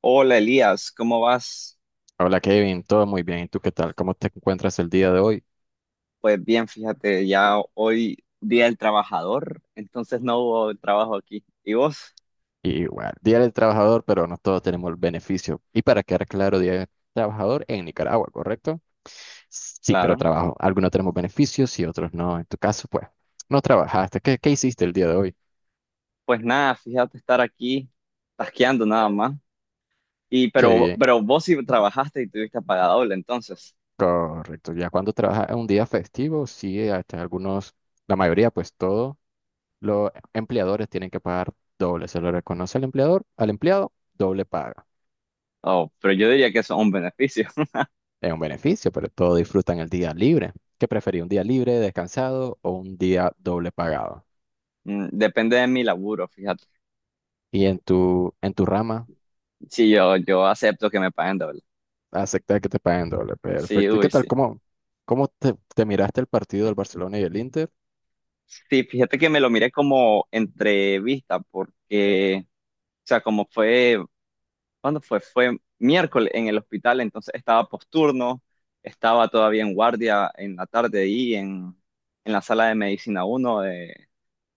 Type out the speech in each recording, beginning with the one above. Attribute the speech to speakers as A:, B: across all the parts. A: Hola Elías, ¿cómo vas?
B: Hola Kevin, todo muy bien. ¿Y tú qué tal? ¿Cómo te encuentras el día de hoy?
A: Pues bien, fíjate, ya hoy día del trabajador, entonces no hubo trabajo aquí. ¿Y vos?
B: Y bueno, Día del Trabajador, pero no todos tenemos el beneficio. Y para quedar claro, Día del Trabajador en Nicaragua, ¿correcto? Sí, pero
A: Claro.
B: trabajo. Algunos tenemos beneficios y otros no. En tu caso, pues, no trabajaste. ¿Qué hiciste el día de hoy?
A: Pues nada, fíjate estar aquí tasqueando nada más. Y
B: Qué
A: pero,
B: bien.
A: pero vos sí trabajaste y tuviste paga doble, entonces.
B: Correcto. Ya cuando trabajas en un día festivo, sí, hasta algunos, la mayoría, pues todos los empleadores tienen que pagar doble. Se lo reconoce al empleador, al empleado, doble paga.
A: Oh, pero yo diría que eso es un beneficio.
B: Es un beneficio, pero todos disfrutan el día libre. ¿Qué preferís, un día libre, descansado o un día doble pagado?
A: Depende de mi laburo, fíjate.
B: Y en tu rama,
A: Sí, yo acepto que me paguen doble.
B: aceptar que te paguen doble.
A: Sí,
B: Perfecto. ¿Y qué
A: uy, sí.
B: tal? ¿Cómo, cómo te miraste el partido del Barcelona y el Inter?
A: Sí, fíjate que me lo miré como entrevista porque, o sea, como fue ¿Cuándo fue? Fue miércoles en el hospital, entonces estaba posturno, estaba todavía en guardia en la tarde y en la sala de medicina uno de-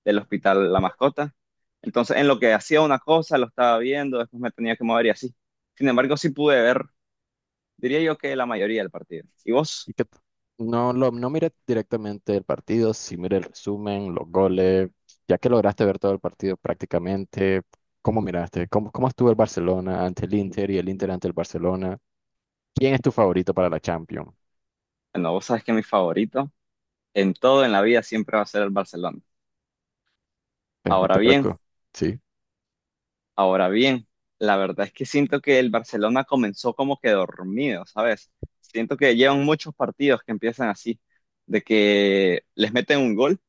A: del hospital La Mascota. Entonces, en lo que hacía una cosa, lo estaba viendo, después me tenía que mover y así. Sin embargo, sí pude ver, diría yo que la mayoría del partido. ¿Y vos?
B: ¿Y qué no miré directamente el partido, sí miré el resumen, los goles, ya que lograste ver todo el partido prácticamente. ¿Cómo miraste? ¿Cómo, cómo estuvo el Barcelona ante el Inter y el Inter ante el Barcelona? ¿Quién es tu favorito para la Champions?
A: Bueno, vos sabes que mi favorito en todo en la vida siempre va a ser el Barcelona. Ahora
B: Perfecto,
A: bien,
B: Croco. Sí.
A: Ahora bien, la verdad es que siento que el Barcelona comenzó como que dormido, ¿sabes? Siento que llevan muchos partidos que empiezan así, de que les meten un gol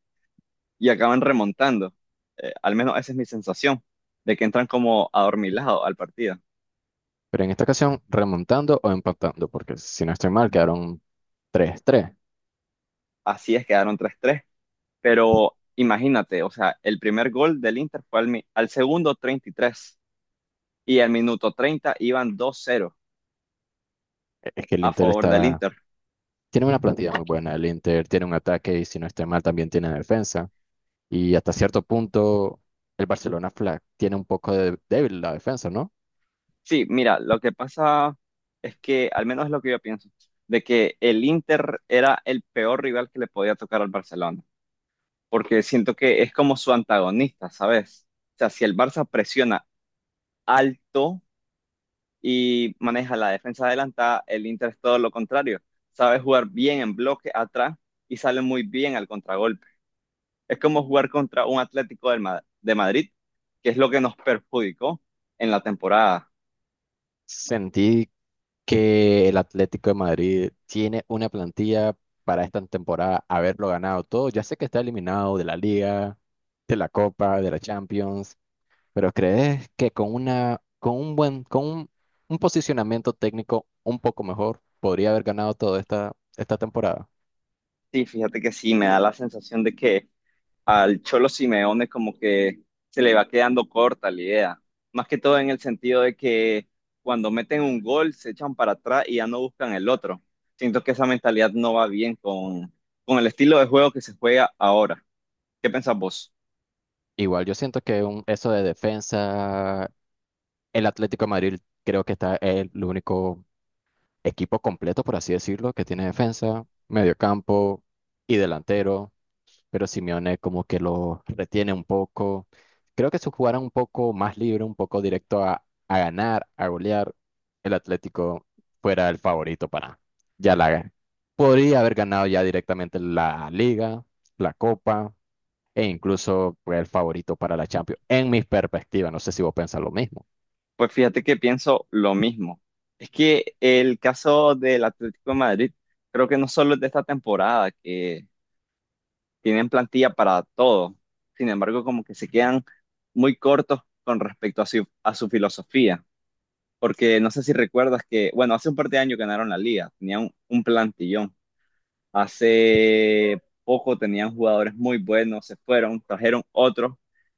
A: y acaban remontando. Al menos esa es mi sensación, de que entran como adormilados al partido.
B: Pero en esta ocasión, remontando o empatando, porque si no estoy mal, quedaron tres tres.
A: Así es, quedaron 3-3. Pero imagínate, o sea, el primer gol del Inter fue al segundo 33 y tres y al minuto 30 iban 2-0
B: Es que el
A: a
B: Inter
A: favor del
B: está,
A: Inter.
B: tiene una plantilla muy buena. El Inter tiene un ataque y si no estoy mal, también tiene defensa. Y hasta cierto punto, el Barcelona Flag tiene un poco de débil la defensa, ¿no?
A: Sí, mira, lo que pasa es que, al menos es lo que yo pienso, de que el Inter era el peor rival que le podía tocar al Barcelona, porque siento que es como su antagonista, ¿sabes? O sea, si el Barça presiona alto y maneja la defensa adelantada, el Inter es todo lo contrario, sabe jugar bien en bloque atrás y sale muy bien al contragolpe. Es como jugar contra un Atlético de Madrid, que es lo que nos perjudicó en la temporada.
B: Sentí que el Atlético de Madrid tiene una plantilla para esta temporada haberlo ganado todo. Ya sé que está eliminado de la Liga, de la Copa, de la Champions. Pero ¿crees que con una, con un buen, con un posicionamiento técnico un poco mejor, podría haber ganado esta temporada?
A: Sí, fíjate que sí, me da la sensación de que al Cholo Simeone como que se le va quedando corta la idea. Más que todo en el sentido de que cuando meten un gol se echan para atrás y ya no buscan el otro. Siento que esa mentalidad no va bien con el estilo de juego que se juega ahora. ¿Qué pensás vos?
B: Igual yo siento que eso de defensa, el Atlético de Madrid creo que está el único equipo completo, por así decirlo, que tiene defensa, mediocampo y delantero. Pero Simeone como que lo retiene un poco. Creo que si jugara un poco más libre, un poco directo a ganar, a golear, el Atlético fuera el favorito para ya la podría haber ganado ya directamente la Liga, la Copa e incluso fue el favorito para la Champions. En mi perspectiva, no sé si vos pensás lo mismo.
A: Pues fíjate que pienso lo mismo. Es que el caso del Atlético de Madrid creo que no solo es de esta temporada, que tienen plantilla para todo. Sin embargo, como que se quedan muy cortos con respecto a su filosofía. Porque no sé si recuerdas que, bueno, hace un par de años ganaron la liga, tenían un plantillón. Hace poco tenían jugadores muy buenos, se fueron, trajeron otros.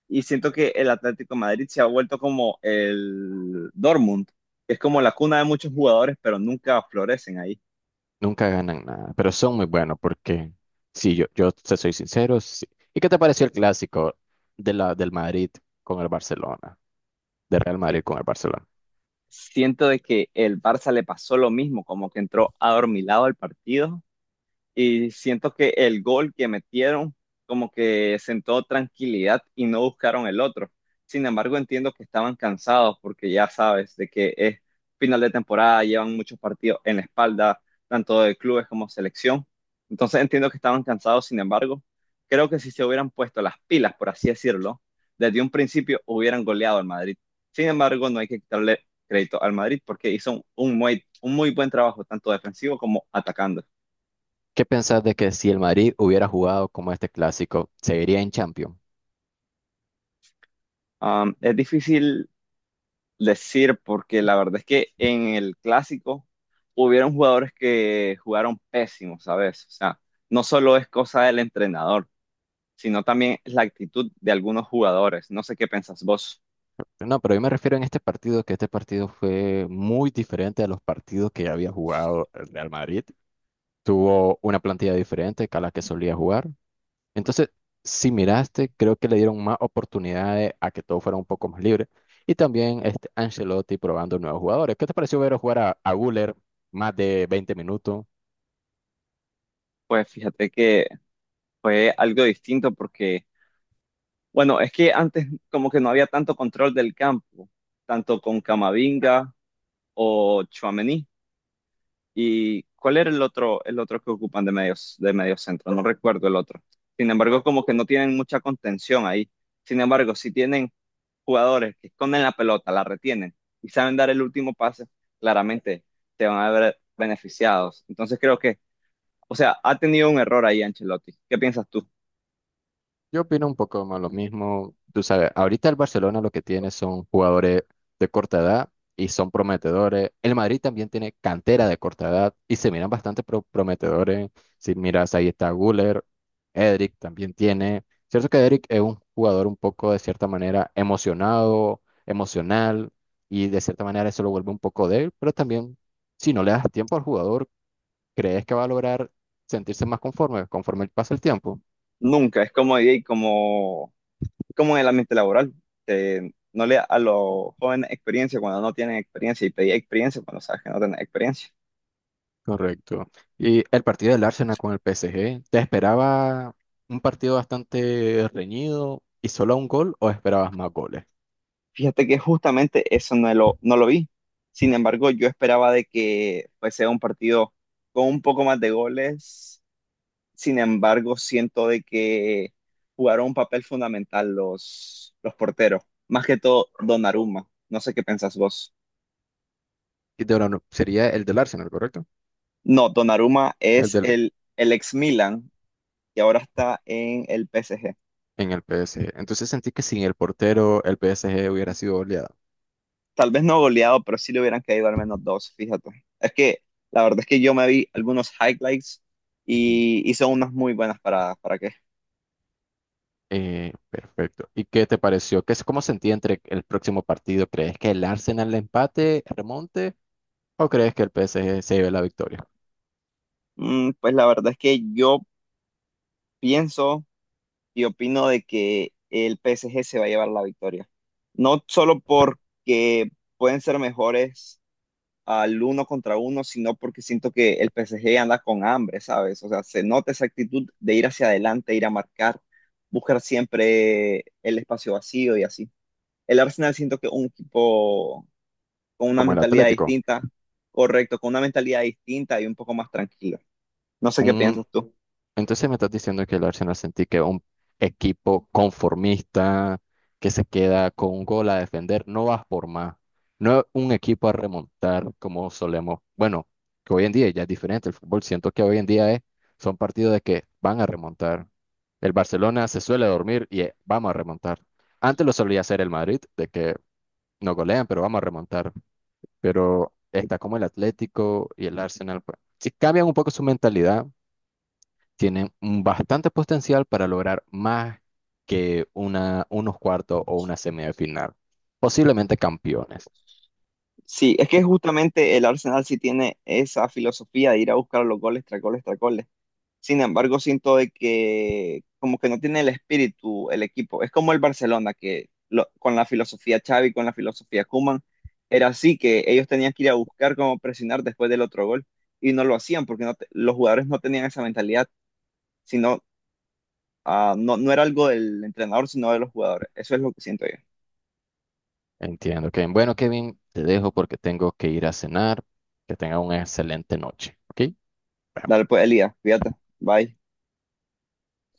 A: Y siento que el Atlético de Madrid se ha vuelto como el Dortmund, que es como la cuna de muchos jugadores, pero nunca florecen ahí.
B: Nunca ganan nada, pero son muy buenos porque si yo te soy sincero, sí. ¿Y qué te pareció el clásico de la del Madrid con el Barcelona? De Real Madrid con el Barcelona.
A: Siento de que el Barça le pasó lo mismo, como que entró adormilado al partido. Y siento que el gol que metieron como que sentó tranquilidad y no buscaron el otro. Sin embargo, entiendo que estaban cansados porque ya sabes de que es final de temporada, llevan muchos partidos en la espalda, tanto de clubes como selección. Entonces entiendo que estaban cansados, sin embargo, creo que si se hubieran puesto las pilas, por así decirlo, desde un principio hubieran goleado al Madrid. Sin embargo, no hay que quitarle crédito al Madrid porque hizo un un muy buen trabajo, tanto defensivo como atacando.
B: ¿Qué pensás de que si el Madrid hubiera jugado como este clásico, seguiría en Champions?
A: Es difícil decir porque la verdad es que en el clásico hubieron jugadores que jugaron pésimos, ¿sabes? O sea, no solo es cosa del entrenador, sino también es la actitud de algunos jugadores. No sé qué pensás vos.
B: No, pero yo me refiero en este partido, que este partido fue muy diferente a los partidos que ya había jugado el Real Madrid. Tuvo una plantilla diferente que a la que solía jugar. Entonces, si miraste, creo que le dieron más oportunidades a que todo fuera un poco más libre. Y también este Ancelotti probando nuevos jugadores. ¿Qué te pareció ver jugar a Güler más de 20 minutos?
A: Pues fíjate que fue algo distinto porque, bueno, es que antes como que no había tanto control del campo, tanto con Camavinga o Tchouaméni. ¿Y cuál era el otro que ocupan de medios, de medio centro? No recuerdo el otro. Sin embargo, como que no tienen mucha contención ahí. Sin embargo, si tienen jugadores que esconden la pelota, la retienen y saben dar el último pase, claramente se van a ver beneficiados. Entonces creo que, o sea, ha tenido un error ahí Ancelotti. ¿Qué piensas tú?
B: Yo opino un poco más lo mismo. Tú sabes, ahorita el Barcelona lo que tiene son jugadores de corta edad y son prometedores. El Madrid también tiene cantera de corta edad y se miran bastante prometedores. Si miras, ahí está Guller, Edric también tiene. Cierto que Edric es un jugador un poco de cierta manera emocionado, emocional y de cierta manera eso lo vuelve un poco débil, pero también si no le das tiempo al jugador, ¿crees que va a lograr sentirse más conforme conforme pasa el tiempo?
A: Nunca, es como en el ambiente laboral. No le da a los jóvenes experiencia cuando no tienen experiencia y pedir experiencia cuando sabes que no tienen experiencia.
B: Correcto. Y el partido del Arsenal con el PSG, ¿te esperaba un partido bastante reñido y solo un gol o esperabas más goles?
A: Fíjate que justamente eso no lo vi. Sin embargo, yo esperaba de que pues, sea un partido con un poco más de goles. Sin embargo, siento de que jugaron un papel fundamental los porteros. Más que todo, Donnarumma. No sé qué pensás vos.
B: Y de ahora sería el del Arsenal, ¿correcto?
A: No, Donnarumma
B: El
A: es
B: del
A: el ex Milan y ahora está en el PSG.
B: en el PSG. Entonces sentí que sin el portero el PSG hubiera sido goleado.
A: Tal vez no goleado, pero sí le hubieran caído al menos dos, fíjate. Es que la verdad es que yo me vi algunos highlights
B: Ujú.
A: y hizo unas muy buenas paradas. ¿Para qué?
B: Perfecto. ¿Y qué te pareció? ¿Cómo sentí entre el próximo partido? ¿Crees que el Arsenal le empate, remonte o crees que el PSG se lleve la victoria?
A: Pues la verdad es que yo pienso y opino de que el PSG se va a llevar la victoria. No solo porque pueden ser mejores al uno contra uno, sino porque siento que el PSG anda con hambre, ¿sabes? O sea, se nota esa actitud de ir hacia adelante, ir a marcar, buscar siempre el espacio vacío y así. El Arsenal siento que es un equipo con una
B: Como el
A: mentalidad
B: Atlético.
A: distinta, correcto, con una mentalidad distinta y un poco más tranquila. No sé qué piensas tú.
B: Entonces me estás diciendo que el Arsenal sentí que un equipo conformista que se queda con un gol a defender no va por más. No es un equipo a remontar como solemos. Bueno, que hoy en día ya es diferente el fútbol. Siento que hoy en día es, son partidos de que van a remontar. El Barcelona se suele dormir y vamos a remontar. Antes lo solía hacer el Madrid, de que no golean, pero vamos a remontar. Pero está como el Atlético y el Arsenal, pues. Si cambian un poco su mentalidad tienen un bastante potencial para lograr más que unos cuartos o una semifinal, posiblemente campeones.
A: Sí, es que justamente el Arsenal sí tiene esa filosofía de ir a buscar los goles tras goles tras goles. Sin embargo, siento de que como que no tiene el espíritu el equipo. Es como el Barcelona con la filosofía Xavi, con la filosofía Koeman, era así que ellos tenían que ir a buscar cómo presionar después del otro gol y no lo hacían porque los jugadores no tenían esa mentalidad, sino no, no era algo del entrenador, sino de los jugadores. Eso es lo que siento yo.
B: Entiendo, Kevin. Bueno, Kevin, te dejo porque tengo que ir a cenar. Que tenga una excelente noche, ¿ok?
A: Dale, pues, Elías, cuídate. Bye.